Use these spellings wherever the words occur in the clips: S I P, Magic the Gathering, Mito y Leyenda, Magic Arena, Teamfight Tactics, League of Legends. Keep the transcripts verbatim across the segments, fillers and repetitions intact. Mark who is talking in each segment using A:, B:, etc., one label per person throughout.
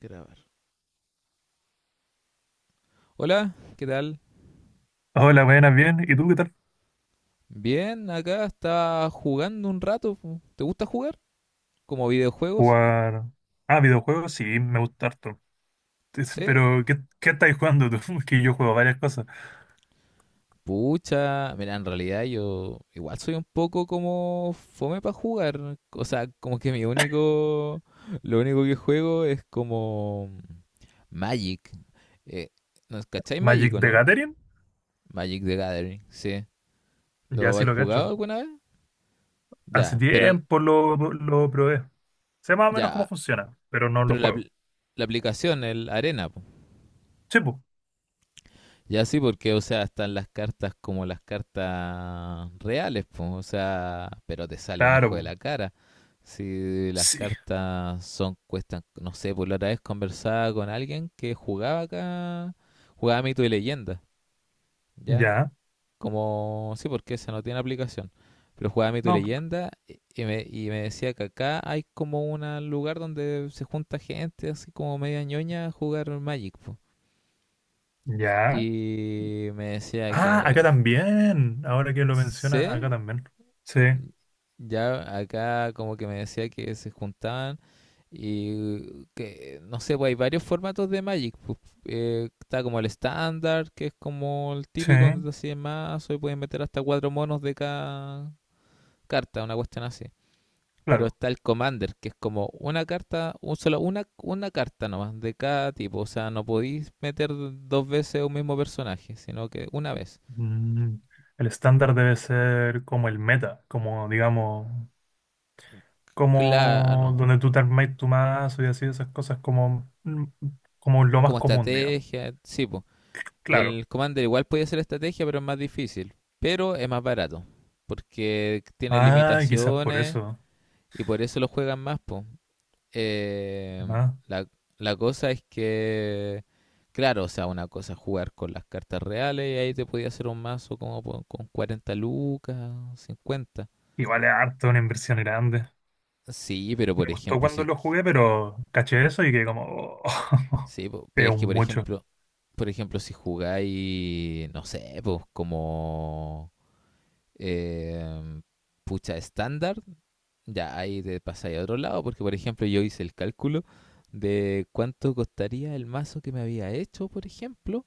A: Grabar. Hola, ¿qué tal?
B: Hola, buenas, bien. ¿Y tú qué tal?
A: Bien, acá está jugando un rato. ¿Te gusta jugar? ¿Como videojuegos?
B: ¿Jugar? Ah, videojuegos, sí, me gusta harto.
A: ¿Sí?
B: Pero, ¿qué, qué estáis jugando tú? Que yo juego varias cosas.
A: Pucha, mira, en realidad yo igual soy un poco como fome para jugar. O sea, como que mi único, lo único que juego es como Magic. Eh, ¿no, ¿Cacháis Magic
B: Magic
A: o
B: the
A: no?
B: Gathering,
A: Magic the Gathering, sí.
B: ya
A: ¿Lo
B: sí
A: has
B: lo
A: jugado
B: cacho.
A: alguna vez?
B: Hace
A: Ya, pero
B: tiempo lo, lo probé. Sé más o menos cómo
A: ya,
B: funciona, pero no lo
A: pero la,
B: juego.
A: apl- la aplicación, el Arena, po.
B: Sí, pues.
A: Ya sí, porque, o sea, están las cartas como las cartas reales, pues, o sea, pero te sale un
B: Claro,
A: ojo de
B: po.
A: la cara. Si las
B: Sí.
A: cartas son, cuestan, no sé, por la otra vez conversaba con alguien que jugaba acá, jugaba Mito y Leyenda, ¿ya?
B: Ya.
A: Como, sí, porque esa no tiene aplicación, pero jugaba Mito y
B: No.
A: Leyenda y y me, y me decía que acá hay como un lugar donde se junta gente así como media ñoña a jugar Magic, pues.
B: Ya.
A: Y me decía
B: Ah, acá
A: que
B: también. Ahora que lo menciona,
A: sé,
B: acá también. Sí,
A: ya acá como que me decía que se juntaban y que, no sé, pues hay varios formatos de Magic. pues, eh, está como el estándar, que es como el
B: sí,
A: típico donde te hacen mazo y puedes meter hasta cuatro monos de cada carta, una cuestión así. Pero
B: claro.
A: está el Commander, que es como una carta, un solo, una, una carta nomás de cada tipo. O sea, no podéis meter dos veces un mismo personaje, sino que una vez.
B: Mm, el estándar debe ser como el meta, como digamos, como
A: Claro,
B: donde tú te armáis tu mazo y así, esas cosas como, mm, como lo más
A: como
B: común, digamos.
A: estrategia, sí, pues. Y
B: Claro.
A: el Commander igual puede ser estrategia, pero es más difícil. Pero es más barato, porque tiene
B: Ah, quizás por
A: limitaciones
B: eso.
A: y por eso lo juegan más, po. Eh,
B: Además,
A: la, la cosa es que, claro, o sea, una cosa es jugar con las cartas reales y ahí te podía hacer un mazo como po- con cuarenta lucas, cincuenta.
B: igual es harto una inversión grande.
A: Sí, pero
B: Me
A: por
B: gustó
A: ejemplo,
B: cuando
A: sí,
B: lo jugué, pero caché eso y que como, oh,
A: sí, po, pero
B: es
A: es que
B: un
A: por
B: mucho.
A: ejemplo, por ejemplo, si jugáis, no sé, pues como eh, pucha estándar. Ya, ahí te pasáis a otro lado, porque por ejemplo yo hice el cálculo de cuánto costaría el mazo que me había hecho, por ejemplo,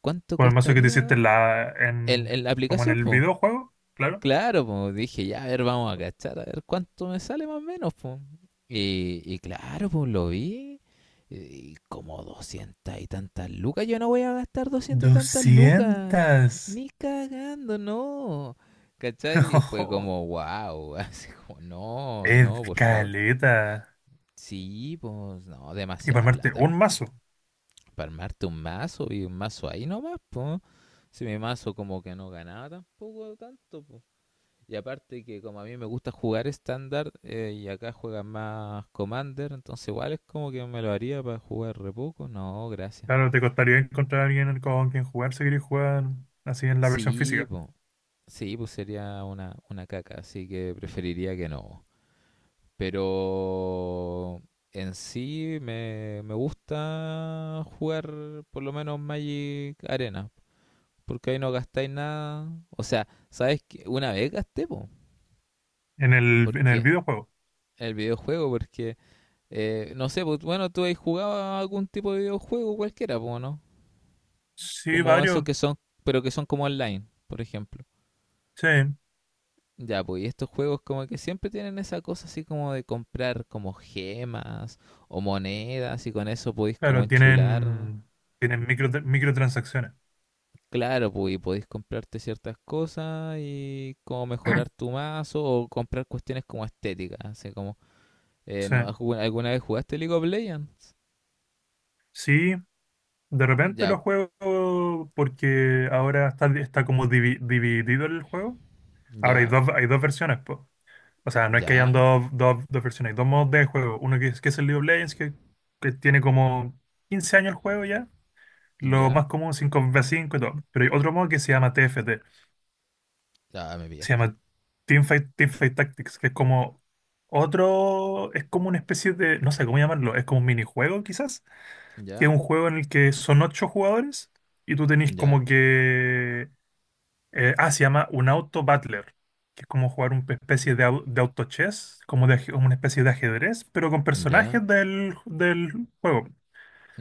A: cuánto
B: Con el mazo que te hiciste
A: costaría
B: en la,
A: el,
B: en,
A: el- la
B: como en
A: aplicación,
B: el
A: pues.
B: videojuego, claro.
A: Claro, pues dije, ya, a ver, vamos a cachar, a ver cuánto me sale más o menos, pues. Y, y claro, pues lo vi, y como doscientas y tantas lucas, yo no voy a gastar doscientas y tantas lucas,
B: doscientas.
A: ni cagando, no. ¿Cachai? Y fue como, wow, así como, no,
B: Es
A: no, por favor.
B: caleta.
A: Sí, pues no,
B: Y para
A: demasiada
B: armarte
A: plata.
B: un
A: po.
B: mazo.
A: Para armarte un mazo y un mazo ahí nomás, pues. Si mi mazo como que no ganaba tampoco tanto, pues. Y aparte que como a mí me gusta jugar estándar eh, y acá juegan más Commander, entonces igual es como que me lo haría para jugar re poco. No, gracias.
B: Claro, te costaría encontrar a alguien con quien jugar si querés jugar así en la versión
A: Sí,
B: física,
A: pues. Sí, pues sería una, una, caca, así que preferiría que no. Pero en sí me, me gusta jugar por lo menos Magic Arena, porque ahí no gastáis nada. O sea, ¿sabes qué? Una vez gasté, po,
B: en el, en el
A: porque
B: videojuego.
A: el videojuego, porque, eh, no sé, pues, bueno, tú has jugado a algún tipo de videojuego cualquiera, po, ¿no?
B: Sí,
A: Como esos
B: varios,
A: que son, pero que son como online, por ejemplo.
B: sí,
A: Ya, pues, y estos juegos como que siempre tienen esa cosa así como de comprar como gemas o monedas y con eso podéis como
B: claro,
A: enchular.
B: tienen, tienen micro, microtransacciones.
A: Claro, pues, y podéis comprarte ciertas cosas y como mejorar tu mazo o comprar cuestiones como estéticas, así como, eh,
B: Sí,
A: ¿no? ¿Algu- ¿Alguna vez jugaste League of Legends?
B: sí, de repente
A: Ya,
B: lo juego porque ahora está, está como divi- dividido el juego. Ahora hay
A: ya,
B: dos, hay dos versiones, po. O sea, no es que hayan
A: ya,
B: dos, dos, dos versiones, hay dos modos de juego. Uno que es, que es el League of Legends, que, que tiene como quince años el juego ya. Lo
A: ya,
B: más común cinco v cinco y todo. Pero hay otro modo que se llama T F T.
A: ya, ah, me
B: Se
A: pillaste.
B: llama Teamfight, Teamfight Tactics, que es como otro. Es como una especie de. No sé cómo llamarlo. Es como un minijuego, quizás. Que es
A: Ya,
B: un juego en el que son ocho jugadores y tú tenés
A: ya,
B: como que eh, ah, se llama un auto battler. Que es como jugar una especie de, au- de auto chess, como de, aje- como una especie de ajedrez, pero con
A: ya,
B: personajes del, del juego.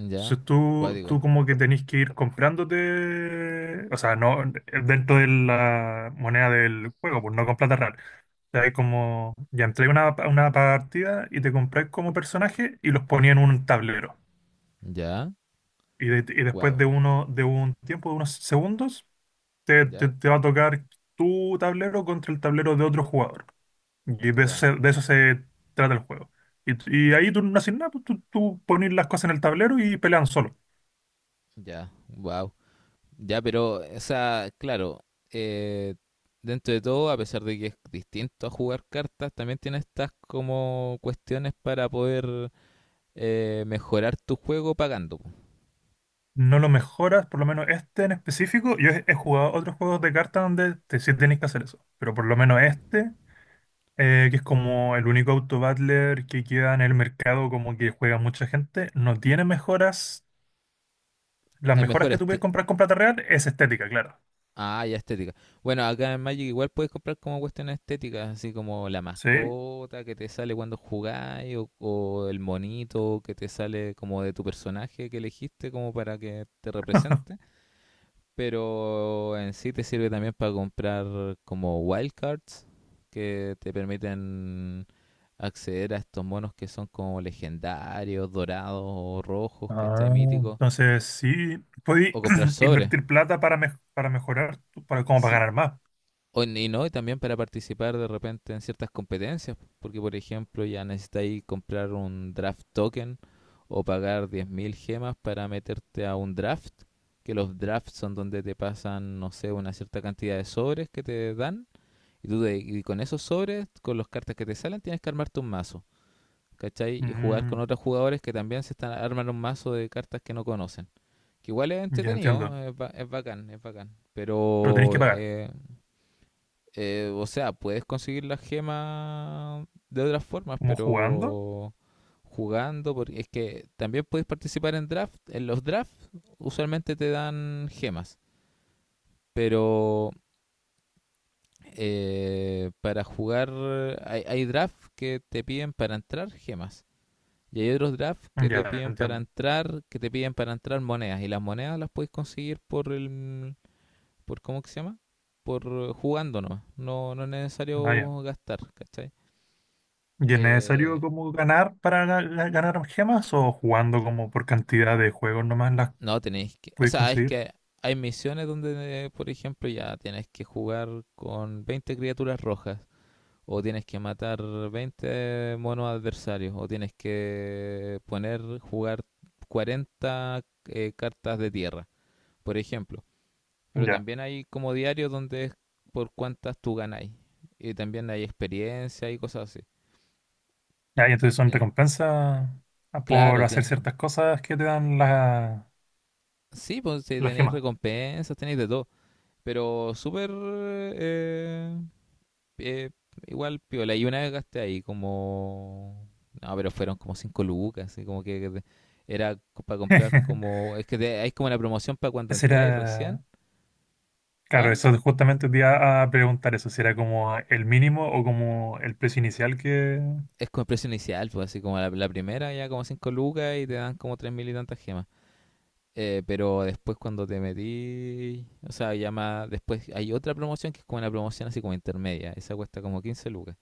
A: ya,
B: Entonces tú,
A: cuádigo,
B: tú como que tenés que ir comprándote, o sea, no dentro de la moneda del juego, pues no con plata real. O sea, es como, ya entré a una, a una partida y te compré como personaje y los ponía en un tablero.
A: ya,
B: Y, de- y después
A: wow,
B: de, uno, de un tiempo, de unos segundos, te, te-
A: ya,
B: te va a tocar tu tablero contra el tablero de otro jugador. Y de eso
A: ya,
B: se, de eso se trata el juego. Y, y ahí tú no haces nada, pues tú, tú pones las cosas en el tablero y pelean solos.
A: ya, wow. Ya, pero, o sea, claro, eh, dentro de todo, a pesar de que es distinto a jugar cartas, también tiene estas como cuestiones para poder eh, mejorar tu juego pagando. po.
B: No lo mejoras, por lo menos este en específico. Yo he, he jugado otros juegos de cartas donde te, sí tenés que hacer eso, pero por lo menos este, eh, que es como el único auto-battler que queda en el mercado, como que juega mucha gente, no tiene mejoras. Las
A: Es
B: mejoras
A: mejor
B: que tú puedes
A: este.
B: comprar con plata real es estética, claro.
A: Ah, ya estética. Bueno, acá en Magic igual puedes comprar como cuestiones estéticas, así como la
B: ¿Sí?
A: mascota que te sale cuando jugáis, o, o el monito que te sale como de tu personaje que elegiste como para que te represente, pero en sí te sirve también para comprar como wildcards que te permiten acceder a estos monos que son como legendarios, dorados o rojos, ¿cachai?
B: Ah,
A: Míticos.
B: entonces sí, podéis
A: O comprar sobres.
B: invertir plata para, mej- para mejorar, tu- para, como para
A: Sí.
B: ganar más.
A: O, y no, y también para participar de repente en ciertas competencias, porque por ejemplo ya necesitáis comprar un draft token o pagar diez mil gemas para meterte a un draft, que los drafts son donde te pasan, no sé, una cierta cantidad de sobres que te dan Y tú de- y con esos sobres, con los cartas que te salen, tienes que armarte un mazo, ¿cachai? Y jugar con
B: Mm,
A: otros jugadores que también se están armando un mazo de cartas que no conocen. Que igual es
B: ya entiendo.
A: entretenido, eh, es, ba- es bacán, es bacán.
B: Pero tenéis que
A: Pero,
B: pagar.
A: eh, eh, o sea, puedes conseguir las gemas de otras formas,
B: ¿Como jugando?
A: pero jugando, porque es que también puedes participar en draft. En los drafts usualmente te dan gemas, pero eh, para jugar, hay, hay drafts que te piden para entrar gemas. Y hay otros drafts que te
B: Ya
A: piden para
B: entiendo.
A: entrar, que te piden para entrar monedas. Y las monedas las puedes conseguir por el, por ¿cómo que se llama? Por eh, jugando nomás. No, no es
B: Ah, ya.
A: necesario gastar, ¿cachai?
B: ¿Y es
A: Eh,
B: necesario como ganar para ga- ga- ganar gemas o jugando como por cantidad de juegos nomás las
A: no tenéis que, o
B: puedes
A: sea, es
B: conseguir?
A: que hay misiones donde, eh, por ejemplo, ya tienes que jugar con veinte criaturas rojas o tienes que matar veinte monos adversarios, o tienes que poner, jugar cuarenta eh, cartas de tierra, por ejemplo. Pero
B: Ya.
A: también hay como diarios donde es por cuántas tú ganáis. Y también hay experiencia y cosas así.
B: Ya, y entonces son
A: En-
B: recompensas a- por
A: claro,
B: hacer
A: tien-
B: ciertas cosas que te dan la,
A: sí, pues si
B: la
A: tenéis
B: gema.
A: recompensas, tenéis de todo. Pero súper eh, eh, igual piola. Y una vez gasté ahí como... No, pero fueron como cinco lucas, así como que que era para comprar como... Es que te- hay como una promoción para cuando
B: Ese
A: entráis recién.
B: era, claro,
A: ¿Ah?
B: eso justamente te iba a preguntar eso, si era como el mínimo o como el precio inicial que...
A: Es como el precio inicial, pues así como la, la, primera ya como cinco lucas y te dan como tres mil y tantas gemas. Eh, pero después cuando te metí... O sea, ya más... Después hay otra promoción que es como una promoción así como intermedia. Esa cuesta como quince lucas.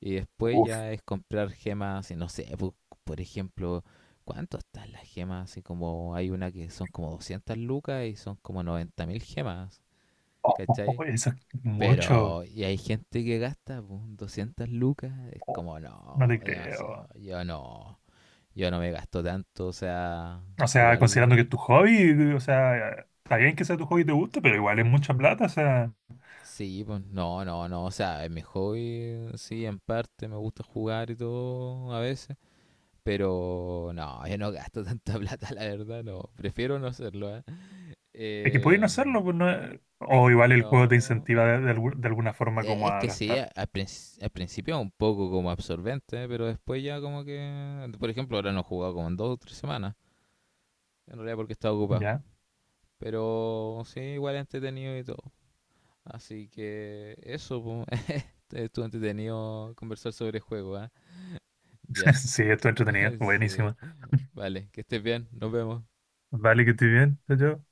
A: Y después
B: Uf,
A: ya es comprar gemas, y no sé, pu- por ejemplo, ¿cuánto están las gemas? Así como hay una que son como doscientas lucas y son como noventa mil gemas,
B: oh, oh, oh,
A: ¿cachai?
B: eso es mucho.
A: Pero, y hay gente que gasta pu, doscientas lucas, es
B: Oh,
A: como,
B: no te
A: no, demasiado,
B: creo.
A: yo no, yo no me gasto tanto, o sea,
B: O sea, considerando que
A: igual,
B: es tu hobby, o sea, está bien que sea tu hobby y te guste, pero igual es mucha plata, o sea,
A: sí, pues, no, no, no, o sea, es mi hobby, sí, en parte, me gusta jugar y todo a veces. Pero no, yo no gasto tanta plata, la verdad, no. Prefiero no hacerlo, ¿eh?
B: es que podéis no
A: Eh,
B: hacerlo, pues no es- o igual el juego te
A: no.
B: incentiva de, de algu- de alguna forma
A: Eh,
B: como
A: Es
B: a
A: que sí,
B: gastar,
A: a- al, princi- al principio un poco como absorbente, pero después ya como que... Por ejemplo, ahora no he jugado como en dos o tres semanas, en realidad porque estaba ocupado.
B: ¿ya?
A: Pero sí, igual entretenido y todo. Así que eso, po, este, estuvo entretenido conversar sobre el juego, ¿ah? Ya,
B: Sí, esto es entretenido,
A: sí.
B: buenísimo.
A: Vale, que estés bien, nos vemos.
B: Vale, que estoy bien, yo.